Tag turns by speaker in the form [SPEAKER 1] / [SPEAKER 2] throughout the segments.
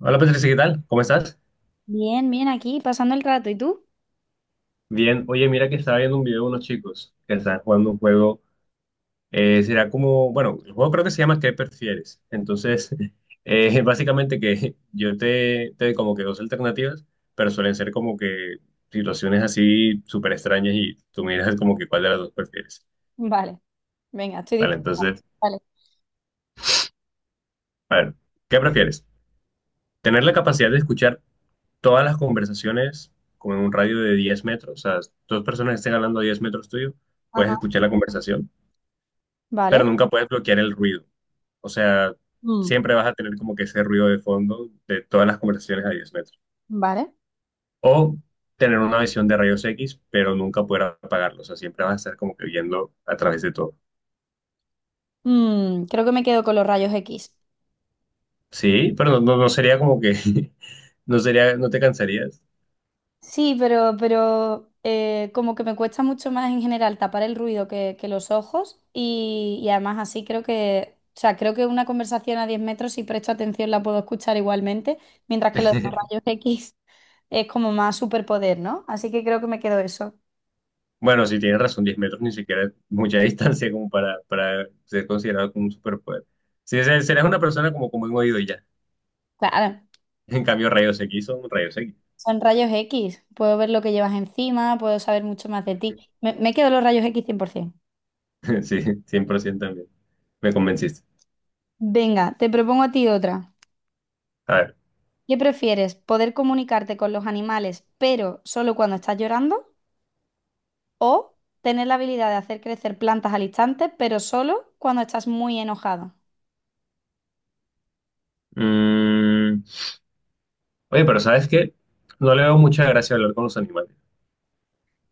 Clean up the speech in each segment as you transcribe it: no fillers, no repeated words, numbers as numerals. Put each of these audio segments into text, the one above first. [SPEAKER 1] Hola Patricia, ¿qué tal? ¿Cómo estás?
[SPEAKER 2] Bien, bien, aquí pasando el rato. ¿Y tú?
[SPEAKER 1] Bien, oye, mira que estaba viendo un video de unos chicos que están jugando un juego. Será como, bueno, el juego creo que se llama ¿qué prefieres? Entonces, básicamente que yo te doy como que dos alternativas, pero suelen ser como que situaciones así súper extrañas y tú miras como que cuál de las dos prefieres.
[SPEAKER 2] Vale, venga, estoy
[SPEAKER 1] Vale,
[SPEAKER 2] dispuesta.
[SPEAKER 1] entonces,
[SPEAKER 2] Vale.
[SPEAKER 1] a ver, ¿qué prefieres? ¿Tener la capacidad de escuchar todas las conversaciones como en un radio de 10 metros? O sea, dos personas que estén hablando a 10 metros tuyo, puedes
[SPEAKER 2] Ajá.
[SPEAKER 1] escuchar la conversación pero
[SPEAKER 2] Vale.
[SPEAKER 1] nunca puedes bloquear el ruido. O sea,
[SPEAKER 2] Mm,
[SPEAKER 1] siempre vas a tener como que ese ruido de fondo de todas las conversaciones a 10 metros.
[SPEAKER 2] vale.
[SPEAKER 1] O tener una visión de rayos X, pero nunca poder apagarlo. O sea, siempre vas a estar como que viendo a través de todo.
[SPEAKER 2] Mm, creo que me quedo con los rayos X.
[SPEAKER 1] Sí, pero no, no, no sería como que, no sería, no te cansarías.
[SPEAKER 2] Sí, pero como que me cuesta mucho más en general tapar el ruido que los ojos y además así creo que, o sea, creo que una conversación a 10 metros, si presto atención, la puedo escuchar igualmente, mientras que lo de los rayos X es como más superpoder, ¿no? Así que creo que me quedo eso.
[SPEAKER 1] Bueno, si tienes razón, 10 metros ni siquiera es mucha distancia como para ser considerado como un superpoder. Si serás una persona como, como un oído y ya.
[SPEAKER 2] Claro.
[SPEAKER 1] En cambio, rayos X son rayos X.
[SPEAKER 2] Son rayos X. Puedo ver lo que llevas encima, puedo saber mucho más de ti. Me quedo los rayos X 100%.
[SPEAKER 1] Sí, 100% también. Me convenciste.
[SPEAKER 2] Venga, te propongo a ti otra.
[SPEAKER 1] A ver.
[SPEAKER 2] ¿Qué prefieres? ¿Poder comunicarte con los animales, pero solo cuando estás llorando? ¿O tener la habilidad de hacer crecer plantas al instante, pero solo cuando estás muy enojado?
[SPEAKER 1] mm, Oye, pero ¿sabes qué? No le veo mucha gracia hablar con los animales.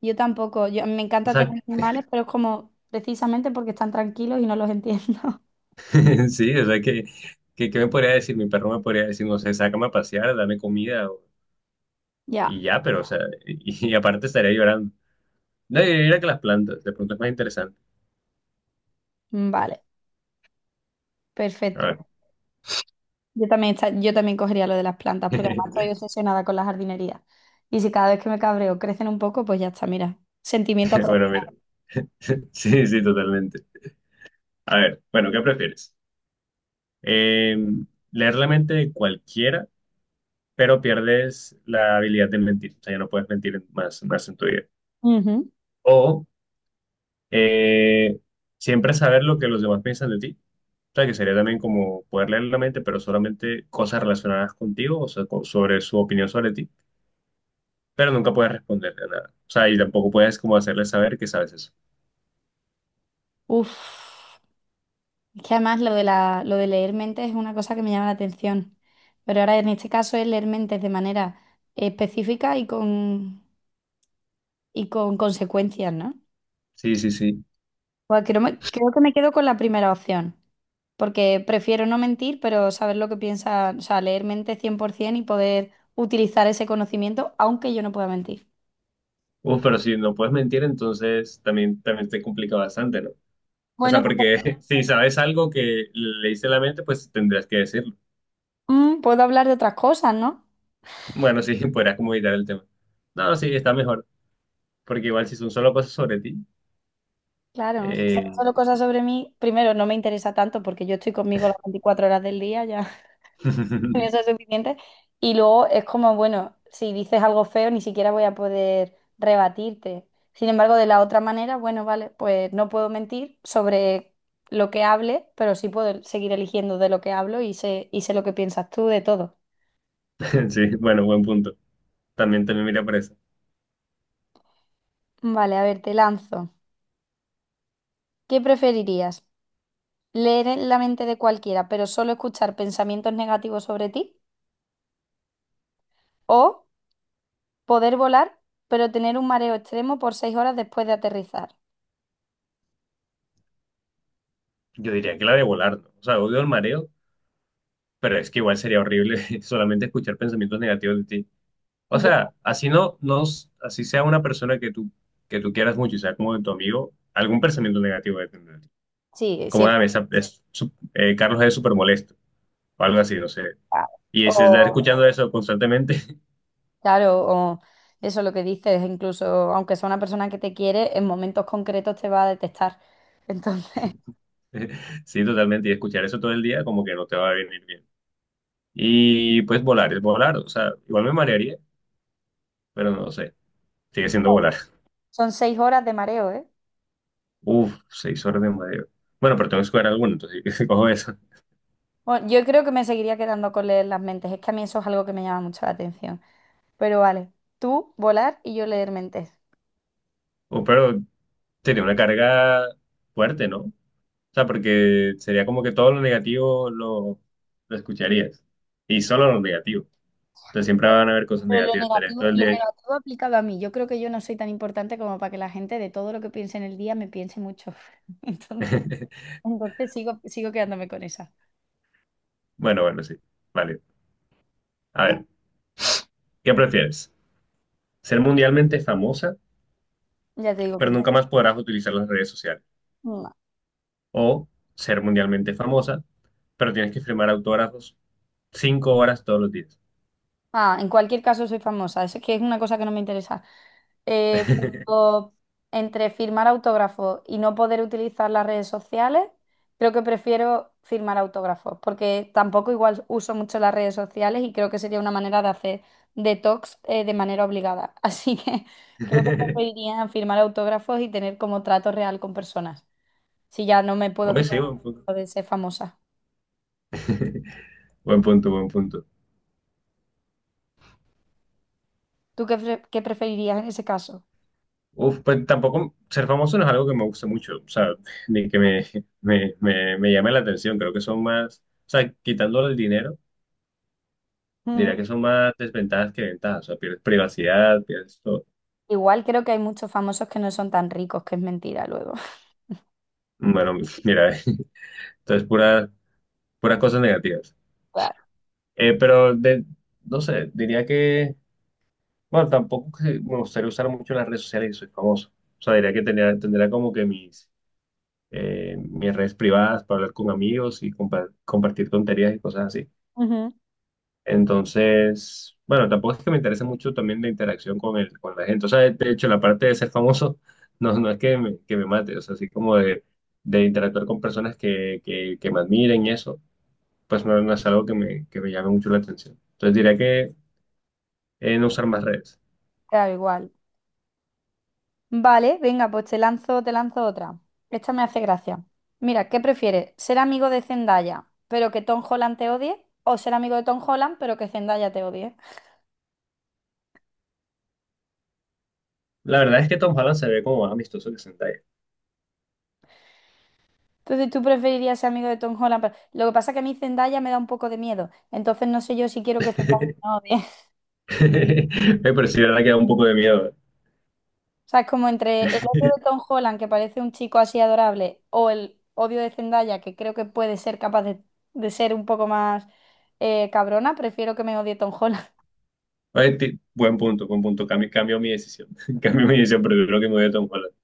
[SPEAKER 2] Yo tampoco. Yo, me
[SPEAKER 1] O
[SPEAKER 2] encanta
[SPEAKER 1] sea,
[SPEAKER 2] tener animales, pero es como precisamente porque están tranquilos y no los entiendo.
[SPEAKER 1] sí, o sea, que, ¿qué me podría decir? Mi perro me podría decir, no sé, sácame a pasear, dame comida o-
[SPEAKER 2] Ya,
[SPEAKER 1] y ya, pero, o sea, y aparte estaría llorando. No, y mira que las plantas, de pronto es más interesante.
[SPEAKER 2] vale,
[SPEAKER 1] A
[SPEAKER 2] perfecto.
[SPEAKER 1] ver.
[SPEAKER 2] Yo también, yo también cogería lo de las plantas, porque además estoy obsesionada con la jardinería. Y si cada vez que me cabreo crecen un poco, pues ya está, mira. Sentimiento
[SPEAKER 1] Bueno,
[SPEAKER 2] aprovechado.
[SPEAKER 1] mira. Sí, sí, totalmente. A ver, bueno, ¿qué prefieres? Eh, ¿Leer la mente de cualquiera? Pero pierdes la habilidad de mentir. O sea, ya no puedes mentir más en tu vida.
[SPEAKER 2] Ujú.
[SPEAKER 1] O eh, siempre saber lo que los demás piensan de ti. O sea, que sería también como poder leer la mente, pero solamente cosas relacionadas contigo, o sea, co- sobre su opinión sobre ti, pero nunca puedes responderle a nada. O sea, y tampoco puedes como hacerle saber que sabes eso.
[SPEAKER 2] Uf. Es que además lo de lo de leer mentes es una cosa que me llama la atención. Pero ahora en este caso es leer mentes de manera específica y con consecuencias, ¿no?
[SPEAKER 1] Sí, sí, sí.
[SPEAKER 2] Pues creo que me quedo con la primera opción, porque prefiero no mentir, pero saber lo que piensa, o sea, leer mente 100% y poder utilizar ese conocimiento, aunque yo no pueda mentir.
[SPEAKER 1] Uf, pero si no puedes mentir, entonces también, también te complica bastante, ¿no? O sea,
[SPEAKER 2] Bueno, pues,
[SPEAKER 1] porque si sabes algo que leíste en la mente, pues tendrías que decirlo.
[SPEAKER 2] mm, puedo hablar de otras cosas, ¿no?
[SPEAKER 1] Bueno, sí, podrías como evitar el tema. No, no, sí, está mejor, porque igual si son solo cosas sobre ti.
[SPEAKER 2] Claro, si son solo
[SPEAKER 1] eh,
[SPEAKER 2] cosas sobre mí, primero no me interesa tanto porque yo estoy conmigo las 24 horas del día ya. Con eso es suficiente. Y luego es como, bueno, si dices algo feo, ni siquiera voy a poder rebatirte. Sin embargo, de la otra manera, bueno, vale, pues no puedo mentir sobre lo que hable, pero sí puedo seguir eligiendo de lo que hablo y sé lo que piensas tú de todo.
[SPEAKER 1] Sí, bueno, buen punto. También, también mira por eso.
[SPEAKER 2] Vale, a ver, te lanzo. ¿Qué preferirías? ¿Leer en la mente de cualquiera, pero solo escuchar pensamientos negativos sobre ti? ¿O poder volar, pero tener un mareo extremo por seis horas después de aterrizar?
[SPEAKER 1] Yo diría que la de volar, ¿no? O sea, odio el mareo, pero es que igual sería horrible solamente escuchar pensamientos negativos de ti. O
[SPEAKER 2] Ya.
[SPEAKER 1] sea, así no, no, así sea una persona que tú quieras mucho y sea como de tu amigo, algún pensamiento negativo debe tener de ti.
[SPEAKER 2] Sí,
[SPEAKER 1] Como, a
[SPEAKER 2] siempre.
[SPEAKER 1] esa, es, su- Carlos es súper molesto, o algo así, no sé. Y si estás
[SPEAKER 2] O,
[SPEAKER 1] escuchando eso constantemente,
[SPEAKER 2] claro, o eso lo que dices, incluso aunque sea una persona que te quiere, en momentos concretos te va a detestar. Entonces,
[SPEAKER 1] sí, totalmente. Y escuchar eso todo el día como que no te va a venir bien. Y pues volar, es volar. O sea, igual me marearía, pero no sé. Sigue siendo volar.
[SPEAKER 2] son seis horas de mareo, ¿eh?
[SPEAKER 1] Uf, 6 horas de mareo. Bueno, pero tengo que escoger alguno, entonces cojo eso.
[SPEAKER 2] Bueno, yo creo que me seguiría quedando con leer las mentes. Es que a mí eso es algo que me llama mucho la atención. Pero vale, tú volar y yo leer mentes.
[SPEAKER 1] O, pero sería una carga fuerte, ¿no? O sea, porque sería como que todo lo negativo lo escucharías. Y solo lo negativo. Entonces siempre van a haber cosas
[SPEAKER 2] Pero
[SPEAKER 1] negativas. Estarías todo el
[SPEAKER 2] lo
[SPEAKER 1] día ahí.
[SPEAKER 2] negativo aplicado a mí. Yo creo que yo no soy tan importante como para que la gente de todo lo que piense en el día me piense mucho. Entonces, sigo, sigo quedándome con esa.
[SPEAKER 1] Bueno, bueno, sí. Vale. A ver, ¿qué prefieres? ¿Ser mundialmente famosa?
[SPEAKER 2] Ya te digo que
[SPEAKER 1] Pero
[SPEAKER 2] no.
[SPEAKER 1] nunca más podrás utilizar las redes sociales.
[SPEAKER 2] No.
[SPEAKER 1] O ser mundialmente famosa, pero tienes que firmar autógrafos 5 horas todos los días.
[SPEAKER 2] Ah, en cualquier caso soy famosa, eso es que es una cosa que no me interesa. Eh, pero entre firmar autógrafos y no poder utilizar las redes sociales, creo que prefiero firmar autógrafos, porque tampoco igual uso mucho las redes sociales y creo que sería una manera de hacer detox, de manera obligada. Así que creo que preferiría firmar autógrafos y tener como trato real con personas, si ya no me puedo
[SPEAKER 1] Oye, sí,
[SPEAKER 2] quitar
[SPEAKER 1] buen punto.
[SPEAKER 2] lo de ser famosa.
[SPEAKER 1] Buen punto, buen punto.
[SPEAKER 2] ¿Tú qué, qué preferirías en ese caso?
[SPEAKER 1] Uf, pues tampoco ser famoso no es algo que me guste mucho, o sea, ni que me, me llame la atención. Creo que son más, o sea, quitándole el dinero, diría que son más desventajas que ventajas. O sea, pierdes privacidad, pierdes todo.
[SPEAKER 2] Igual creo que hay muchos famosos que no son tan ricos, que es mentira luego.
[SPEAKER 1] Bueno, mira, entonces puras, puras cosas negativas.
[SPEAKER 2] Claro.
[SPEAKER 1] Pero de, no sé, diría que, bueno, tampoco que me gustaría usar mucho las redes sociales y soy famoso. O sea, diría que tendría, tendría como que mis, mis redes privadas para hablar con amigos y compa- compartir tonterías y cosas así.
[SPEAKER 2] Ujú.
[SPEAKER 1] Entonces, bueno, tampoco es que me interese mucho también la interacción con el, con la gente. O sea, de hecho, la parte de ser famoso no, no es que me mate, o sea, así como de interactuar con personas que me admiren y eso, pues no, no es algo que me llame mucho la atención. Entonces diría que no usar más redes.
[SPEAKER 2] Claro, igual. Vale, venga, pues te lanzo otra. Esta me hace gracia. Mira, ¿qué prefieres? ¿Ser amigo de Zendaya, pero que Tom Holland te odie? ¿O ser amigo de Tom Holland, pero que Zendaya te odie?
[SPEAKER 1] La verdad es que Tom Holland se ve como más amistoso que Zendaya.
[SPEAKER 2] Entonces, ¿tú preferirías ser amigo de Tom Holland? Pero... lo que pasa es que a mí Zendaya me da un poco de miedo. Entonces, no sé yo si quiero que Zendaya me odie.
[SPEAKER 1] Eh, pero sí, la verdad que da un poco de miedo.
[SPEAKER 2] O sea, es como entre el odio de Tom Holland, que parece un chico así adorable, o el odio de Zendaya, que creo que puede ser capaz de ser un poco más, cabrona, prefiero que me odie Tom Holland,
[SPEAKER 1] Oye, ti- buen punto, buen punto. Cambio, cambio mi decisión. Cambio mi decisión, pero creo que me voy a Tom Holland.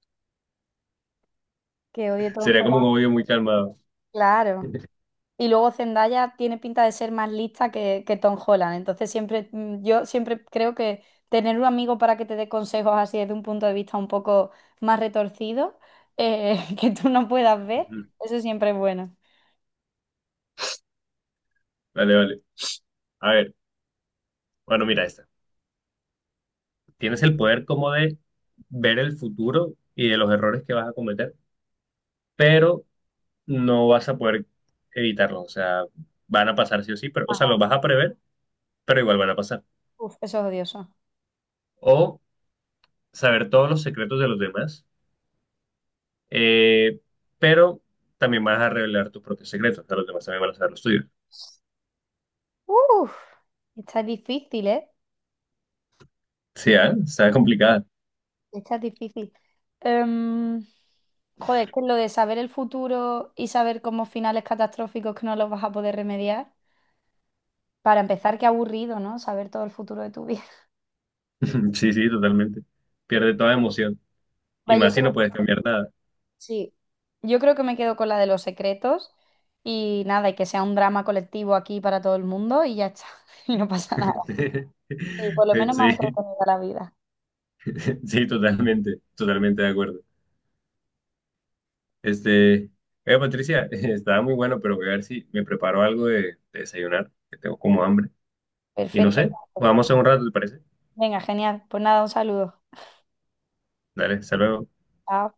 [SPEAKER 2] que odie Tom
[SPEAKER 1] Sería como un
[SPEAKER 2] Holland,
[SPEAKER 1] obvio muy calmado.
[SPEAKER 2] claro. Y luego Zendaya tiene pinta de ser más lista que Tom Holland, entonces siempre, mm, yo siempre creo que tener un amigo para que te dé consejos así desde un punto de vista un poco más retorcido, que tú no puedas ver,
[SPEAKER 1] Ujú.
[SPEAKER 2] eso siempre es bueno.
[SPEAKER 1] Vale, vale. A ver, bueno, mira esta. Tienes el poder como de ver el futuro y de los errores que vas a cometer, pero no vas a poder evitarlos. O sea, van a pasar sí o sí, pero, o sea, los
[SPEAKER 2] Ajá.
[SPEAKER 1] vas a prever, pero igual van a pasar.
[SPEAKER 2] Uf, eso es odioso.
[SPEAKER 1] O saber todos los secretos de los demás. Eh, pero también vas a revelar tus propios secretos, o sea, los demás también van a saber los tuyos.
[SPEAKER 2] Uf, esta es difícil, ¿eh?
[SPEAKER 1] Sí, ah, está complicada.
[SPEAKER 2] Esta es difícil. Em, Joder, es que lo de saber el futuro y saber como finales catastróficos que no los vas a poder remediar. Para empezar, qué aburrido, ¿no? Saber todo el futuro de tu vida.
[SPEAKER 1] Sí, sí, totalmente. Pierde toda emoción. Y
[SPEAKER 2] Vale, yo
[SPEAKER 1] más si
[SPEAKER 2] creo,
[SPEAKER 1] no puedes cambiar nada.
[SPEAKER 2] sí, yo creo que me quedo con la de los secretos y nada, y que sea un drama colectivo aquí para todo el mundo y ya está. Y no pasa nada. Sí, por lo menos más
[SPEAKER 1] Sí,
[SPEAKER 2] entretenida la vida.
[SPEAKER 1] sí, totalmente, totalmente de acuerdo. Este, oye, Patricia, estaba muy bueno, pero voy a ver si me preparo algo de desayunar, que tengo como hambre. Y no
[SPEAKER 2] Perfecto.
[SPEAKER 1] sé, vamos a un rato, ¿te parece?
[SPEAKER 2] Venga, genial. Pues nada, un saludo.
[SPEAKER 1] Dale, hasta luego.
[SPEAKER 2] Chao.